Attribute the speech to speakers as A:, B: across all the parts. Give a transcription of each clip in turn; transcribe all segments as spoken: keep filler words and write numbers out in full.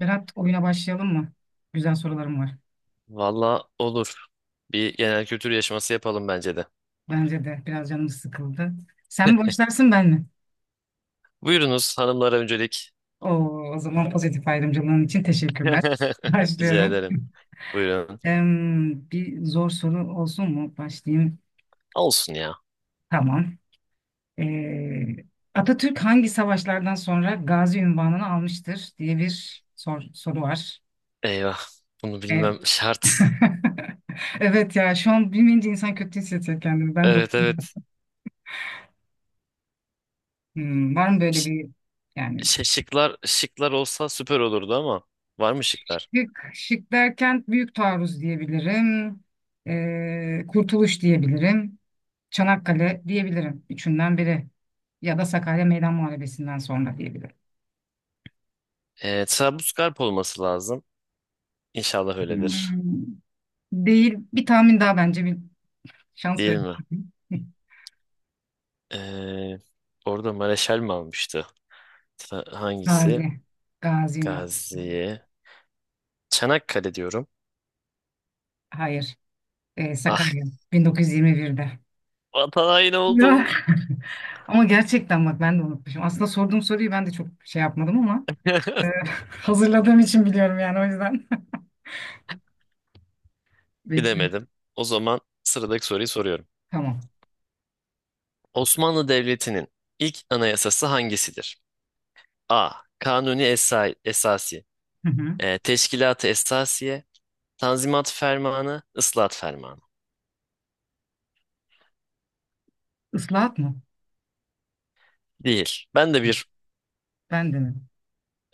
A: Berat, oyuna başlayalım mı? Güzel sorularım var.
B: Valla olur. Bir genel kültür yarışması yapalım bence de.
A: Bence de biraz canım sıkıldı. Sen mi başlarsın ben mi?
B: Buyurunuz hanımlara öncelik.
A: Oo, o zaman pozitif ayrımcılığın için teşekkürler.
B: Rica
A: Başlıyorum.
B: ederim. Buyurun.
A: Em, bir zor soru olsun mu? Başlayayım.
B: Olsun ya.
A: Tamam. Ee, Atatürk hangi savaşlardan sonra Gazi unvanını almıştır diye bir sor- soru var.
B: Eyvah. Bunu
A: Ee,
B: bilmem şart.
A: evet ya şu an bilmeyince insan kötü hissediyor kendini. Ben de
B: Evet evet.
A: hmm, var mı böyle
B: Ş-
A: bir yani
B: şey, şıklar, şıklar olsa süper olurdu ama var mı şıklar?
A: şık, şık derken Büyük Taarruz diyebilirim. Ee, Kurtuluş diyebilirim. Çanakkale diyebilirim. Üçünden biri. Ya da Sakarya Meydan Muharebesi'nden sonra diyebilirim.
B: Ee, Trablusgarp olması lazım. İnşallah
A: Hmm.
B: öyledir.
A: Hmm, değil. Bir tahmin daha, bence bir şans
B: Değil
A: verin.
B: mi? Ee, orada Mareşal mi almıştı? Tra- hangisi?
A: Gazi. Gazi Üniversitesi.
B: Gazi'ye. Çanakkale diyorum.
A: Hayır. Ee,
B: Ah
A: Sakarya. bin dokuz yüz yirmi birde.
B: vatan haini oldum.
A: Ya. Ama gerçekten bak ben de unutmuşum. Aslında sorduğum soruyu ben de çok şey yapmadım ama e, hazırladığım için biliyorum yani o yüzden. Bekliyorum.
B: Bilemedim. O zaman sıradaki soruyu soruyorum.
A: Tamam.
B: Osmanlı Devleti'nin ilk anayasası hangisidir? A. Kanuni Esa- Esasi,
A: Hı hı.
B: e, Teşkilat-ı Esasiye, Tanzimat Fermanı, Islahat Fermanı.
A: Islahat mı?
B: Değil. Ben de bir
A: Ben denedim.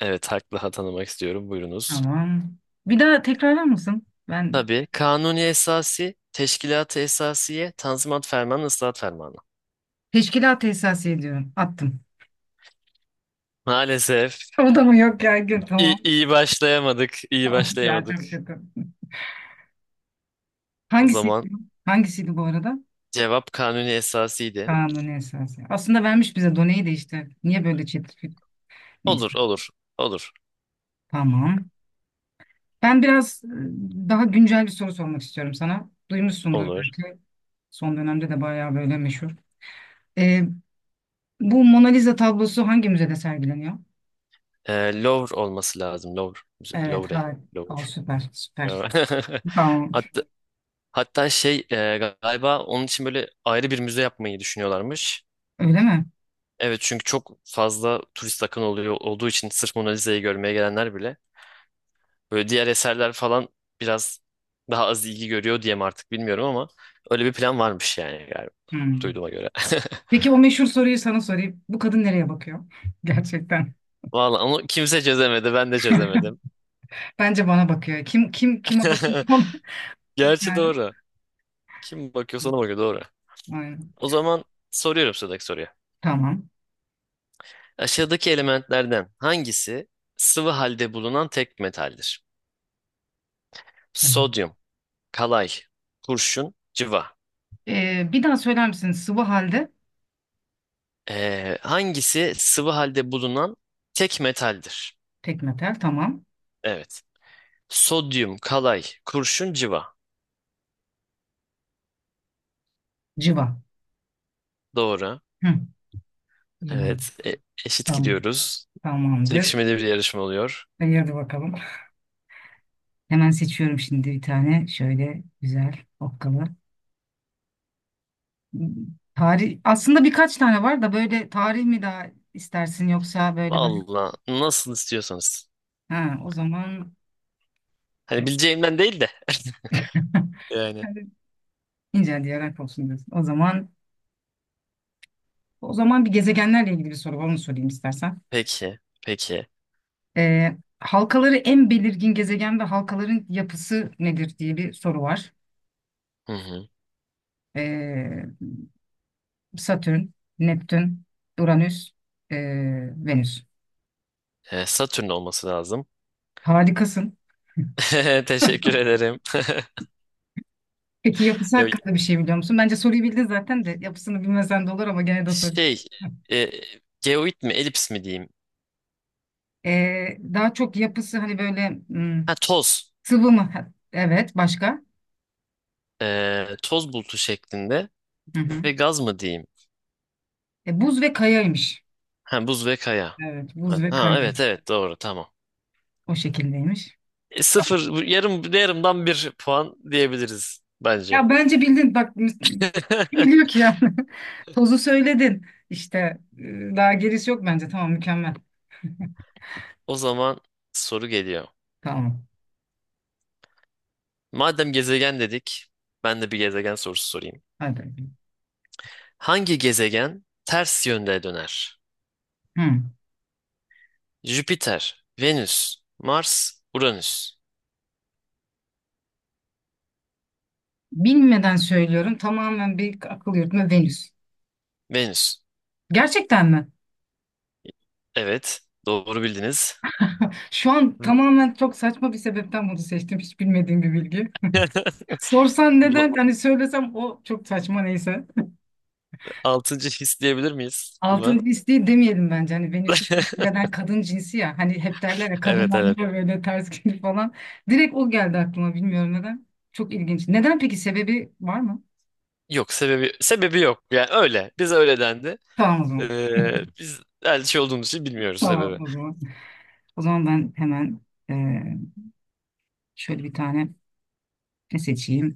B: evet haklı tanımak istiyorum. Buyurunuz.
A: Tamam. Bir daha tekrarlar mısın? Ben
B: Tabii Kanuni Esasi, Teşkilat-ı Esasiye, Tanzimat Fermanı, Islahat Fermanı.
A: teşkilat esası ediyorum. Attım.
B: Maalesef
A: O da mı yok ya? Gül.
B: iyi,
A: Tamam.
B: iyi başlayamadık, iyi
A: Of ya,
B: başlayamadık.
A: çok kötü.
B: O
A: Hangisiydi
B: zaman
A: bu? Hangisiydi bu arada?
B: cevap Kanuni Esasi'ydi.
A: Kanuni esası. Aslında vermiş bize Done'yi de işte. Niye böyle çetrefil? Neyse.
B: Olur, olur, olur.
A: Tamam. Ben biraz e, daha güncel bir soru sormak istiyorum sana. Duymuşsundur
B: Olur.
A: belki. Son dönemde de bayağı böyle meşhur. E, bu Mona Lisa tablosu hangi müzede sergileniyor?
B: Ee, Louvre olması lazım. Louvre. Müze-
A: Evet,
B: Louvre.
A: harika.
B: Louvre.
A: Aa, süper, süper. Tamam olur.
B: Hatta, hatta şey e, galiba onun için böyle ayrı bir müze yapmayı düşünüyorlarmış.
A: Öyle mi?
B: Evet, çünkü çok fazla turist akın oluyor olduğu için sırf Mona Lisa'yı görmeye gelenler bile böyle diğer eserler falan biraz daha az ilgi görüyor diye mi artık bilmiyorum ama öyle bir plan varmış yani galiba
A: Hmm.
B: duyduğuma göre.
A: Peki o meşhur soruyu sana sorayım. Bu kadın nereye bakıyor? Gerçekten.
B: Vallahi onu kimse çözemedi, ben de çözemedim.
A: Bence bana bakıyor. Kim kim kime bakıyor? Ona?
B: Gerçi
A: Yani.
B: doğru. Kim bakıyorsa ona bakıyor, doğru.
A: Aynen.
B: O zaman soruyorum sıradaki soruyu.
A: Tamam.
B: Aşağıdaki elementlerden hangisi sıvı halde bulunan tek metaldir?
A: Evet.
B: Sodyum, kalay, kurşun, cıva.
A: Ee, bir daha söyler misin? Sıvı halde
B: Ee, hangisi sıvı halde bulunan tek metaldir?
A: tek metal. Tamam.
B: Evet. Sodyum, kalay, kurşun, cıva.
A: Civa.
B: Doğru.
A: Hı. İyi bak.
B: Evet. E- eşit
A: Tamam.
B: gidiyoruz.
A: Tamamdır.
B: Çekişmeli bir yarışma oluyor.
A: Hayırdır bakalım. Hemen seçiyorum şimdi bir tane. Şöyle güzel okkalı. Tarih aslında birkaç tane var da böyle tarih mi daha istersin yoksa böyle daha
B: Valla nasıl istiyorsanız.
A: ha o zaman
B: Hani bileceğimden değil de. Yani.
A: yani ince diyerek olsun diyorsun. O zaman o zaman bir gezegenlerle ilgili bir soru var, onu sorayım istersen.
B: Peki. Peki.
A: Ee, halkaları en belirgin gezegen ve halkaların yapısı nedir diye bir soru var.
B: Hı hı.
A: Ee, Satürn, Neptün, Uranüs, ee, Venüs.
B: Ee, Satürn olması lazım.
A: Harikasın.
B: Teşekkür ederim.
A: Peki yapısı
B: Ya,
A: hakkında bir şey biliyor musun? Bence soruyu bildin zaten de yapısını bilmesen de olur ama gene de sorayım.
B: Şey, e, geoid mi, elips mi diyeyim?
A: Ee, daha çok yapısı hani böyle hmm,
B: Ha, toz.
A: sıvı mı? Ha, evet, başka?
B: E, toz bulutu şeklinde
A: Hı hı.
B: ve gaz mı diyeyim?
A: E, buz ve kayaymış.
B: Ha, buz ve kaya.
A: Evet, buz
B: Ha,
A: ve
B: ha,
A: kaya.
B: evet evet, doğru, tamam.
A: O şekildeymiş.
B: E,
A: Tamam.
B: sıfır bu yarım yarımdan bir puan diyebiliriz bence.
A: Ya bence bildin bak, kim biliyor ki yani. Tozu söyledin. İşte e, daha gerisi yok bence. Tamam, mükemmel.
B: O zaman soru geliyor.
A: Tamam.
B: Madem gezegen dedik, ben de bir gezegen sorusu sorayım.
A: Hadi.
B: Hangi gezegen ters yönde döner?
A: Hı.
B: Jüpiter, Venüs, Mars, Uranüs.
A: Bilmeden söylüyorum. Tamamen bir akıl yürütme, Venüs.
B: Venüs.
A: Gerçekten mi?
B: Evet. Doğru bildiniz.
A: Şu an
B: Hı.
A: tamamen çok saçma bir sebepten bunu seçtim. Hiç bilmediğim bir bilgi. Sorsan
B: Buna
A: neden, hani söylesem o çok saçma, neyse.
B: altıncı his diyebilir miyiz buna?
A: Altın his değil demeyelim bence. Hani Venüs'ü neden kadın cinsi ya. Hani hep derler ya
B: Evet
A: kadınlar
B: evet.
A: niye böyle ters gelir falan. Direkt o geldi aklıma, bilmiyorum neden. Çok ilginç. Neden peki, sebebi var mı?
B: Yok sebebi sebebi yok. Yani öyle. Biz öyle dendi.
A: Tamam o zaman.
B: Ee, biz elçi olduğumuz için bilmiyoruz
A: Tamam
B: sebebi.
A: o zaman. O zaman ben hemen eee, şöyle bir tane ne seçeyim.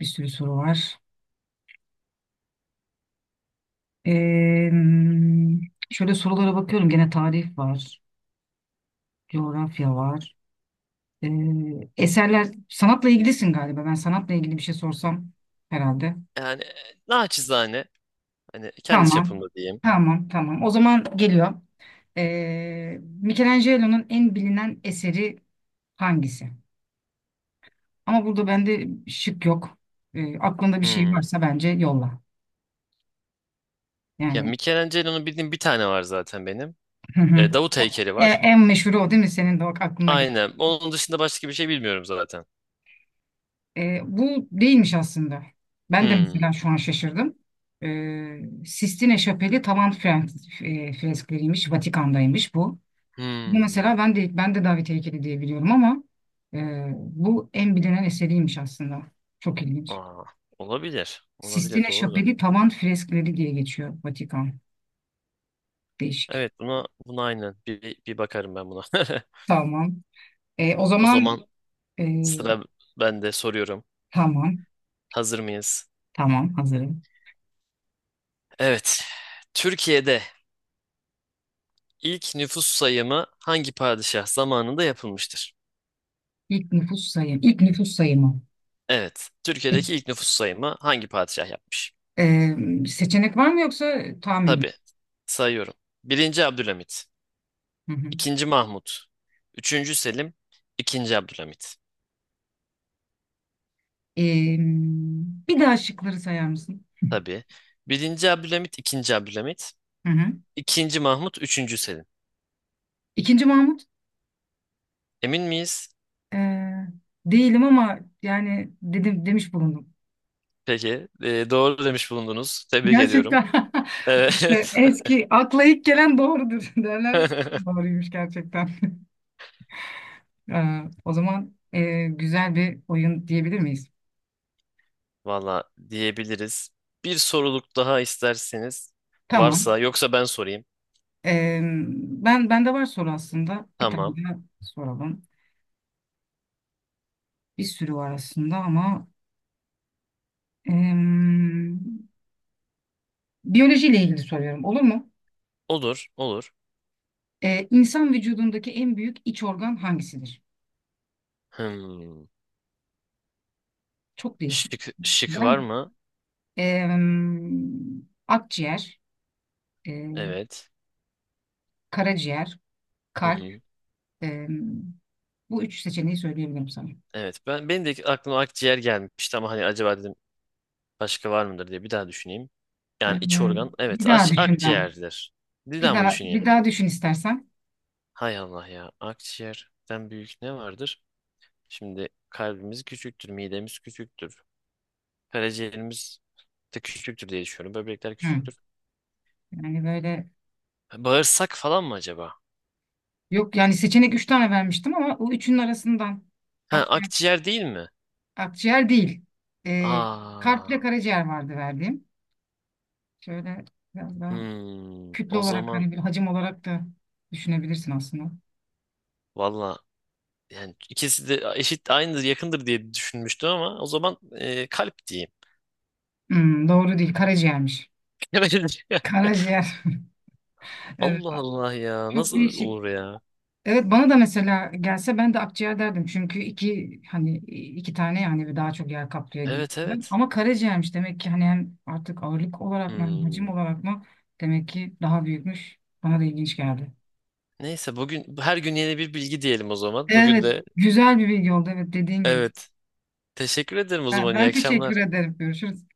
A: Bir sürü soru var. Eee, şöyle sorulara bakıyorum. Gene tarih var. Coğrafya var. Ee, eserler, sanatla ilgilisin galiba. Ben sanatla ilgili bir şey sorsam herhalde.
B: Yani e, naçizane hani kendi
A: Tamam.
B: çapımda diyeyim.
A: Tamam, tamam. O zaman geliyor. Ee, Michelangelo'nun en bilinen eseri hangisi? Ama burada bende şık yok. Ee, aklında bir şey
B: Hmm.
A: varsa bence yolla.
B: Ya
A: Yani
B: Michelangelo'nun bildiğim bir tane var zaten benim.
A: hı hı.
B: Ee, Davut heykeli
A: E,
B: var.
A: en meşhuru o değil mi? Senin de o aklına
B: Aynen. Onun dışında başka bir şey bilmiyorum zaten.
A: E, bu değilmiş aslında. Ben de
B: Hmm.
A: mesela şu an şaşırdım. E, Sistine Şapeli tavan fren- e, freskleriymiş, Vatikan'daymış bu. Bu
B: Hmm.
A: mesela ben de ben de David heykeli diye biliyorum ama e, bu en bilinen eseriymiş aslında. Çok ilginç.
B: Aa, olabilir. Olabilir.
A: Sistine
B: Doğru.
A: Şapeli tavan freskleri diye geçiyor, Vatikan. Değişik.
B: Evet, buna buna aynen bir, bir bakarım ben buna.
A: Tamam. E, o
B: O
A: zaman
B: zaman
A: e,
B: sıra ben de soruyorum.
A: tamam.
B: Hazır mıyız?
A: Tamam, hazırım.
B: Evet. Türkiye'de ilk nüfus sayımı hangi padişah zamanında yapılmıştır?
A: İlk nüfus sayım. İlk nüfus sayımı.
B: Evet. Türkiye'deki ilk nüfus sayımı hangi padişah yapmış?
A: E, seçenek var mı yoksa tahmin mi?
B: Tabii. Sayıyorum. Birinci Abdülhamit.
A: Hı hı.
B: İkinci Mahmut. Üçüncü Selim. İkinci Abdülhamit.
A: Ee, bir daha şıkları sayar mısın?
B: Tabii. Birinci Abdülhamit, ikinci Abdülhamit.
A: Hı hı.
B: İkinci Mahmut, üçüncü Selim.
A: İkinci Mahmut
B: Emin miyiz?
A: ee, değilim ama yani dedim, demiş bulundum.
B: Peki. E, doğru demiş bulundunuz. Tebrik ediyorum.
A: Gerçekten. İşte
B: Evet.
A: eski, akla ilk gelen doğrudur derler. Doğruymuş gerçekten. Ee, o zaman ee, güzel bir oyun diyebilir miyiz?
B: Valla diyebiliriz. Bir soruluk daha isterseniz
A: Tamam.
B: varsa yoksa ben sorayım.
A: Ee, ben, bende var soru aslında. Bir tane
B: Tamam.
A: daha soralım. Bir sürü var aslında ama ee, biyolojiyle ilgili soruyorum. Olur mu?
B: Olur, olur.
A: Ee, insan vücudundaki en büyük iç organ hangisidir?
B: Hmm.
A: Çok değişik.
B: Şık, şık
A: Ben
B: var
A: de
B: mı?
A: em, akciğer, e,
B: Evet.
A: karaciğer,
B: Hı
A: kalp.
B: hı.
A: em, bu üç seçeneği söyleyebilirim sana.
B: Evet. Ben benim de aklıma akciğer gelmişti ama hani acaba dedim başka var mıdır diye bir daha düşüneyim. Yani iç
A: Ee,
B: organ.
A: bir
B: Evet,
A: daha
B: aç,
A: düşün ben.
B: akciğerdir. Bir
A: Bir
B: daha mı
A: daha
B: düşüneyim?
A: bir daha düşün istersen.
B: Hay Allah ya. Akciğerden büyük ne vardır? Şimdi kalbimiz küçüktür, midemiz küçüktür. Karaciğerimiz de küçüktür diye düşünüyorum. Böbrekler
A: Hı.
B: küçüktür.
A: Yani böyle
B: Bağırsak falan mı acaba?
A: yok yani, seçenek üç tane vermiştim ama o üçünün arasından
B: Ha,
A: akciğer,
B: akciğer değil mi?
A: akciğer değil. Ee,
B: Aa.
A: kalple karaciğer vardı verdiğim. Şöyle biraz daha
B: Hmm,
A: kütle
B: o
A: olarak
B: zaman
A: hani, bir hacim olarak da düşünebilirsin aslında.
B: valla yani ikisi de eşit aynıdır yakındır diye düşünmüştüm ama o zaman e, kalp diyeyim.
A: Hmm, doğru değil. Karaciğermiş. Karaciğer. Evet.
B: Allah Allah ya,
A: Çok
B: nasıl
A: değişik.
B: olur ya?
A: Evet bana da mesela gelse ben de akciğer derdim. Çünkü iki, hani iki tane yani ve daha çok yer kaplıyor gibi.
B: Evet
A: Ben-
B: evet.
A: Ama karaciğermiş demek ki, hani hem artık ağırlık olarak mı hem
B: Hmm.
A: hacim olarak mı, demek ki daha büyükmüş. Bana da ilginç geldi.
B: Neyse, bugün her gün yeni bir bilgi diyelim o zaman. Bugün
A: Evet,
B: de
A: güzel bir bilgi oldu evet, dediğin gibi.
B: evet. Teşekkür ederim o
A: Ben,
B: zaman. İyi
A: ben teşekkür
B: akşamlar.
A: ederim. Görüşürüz.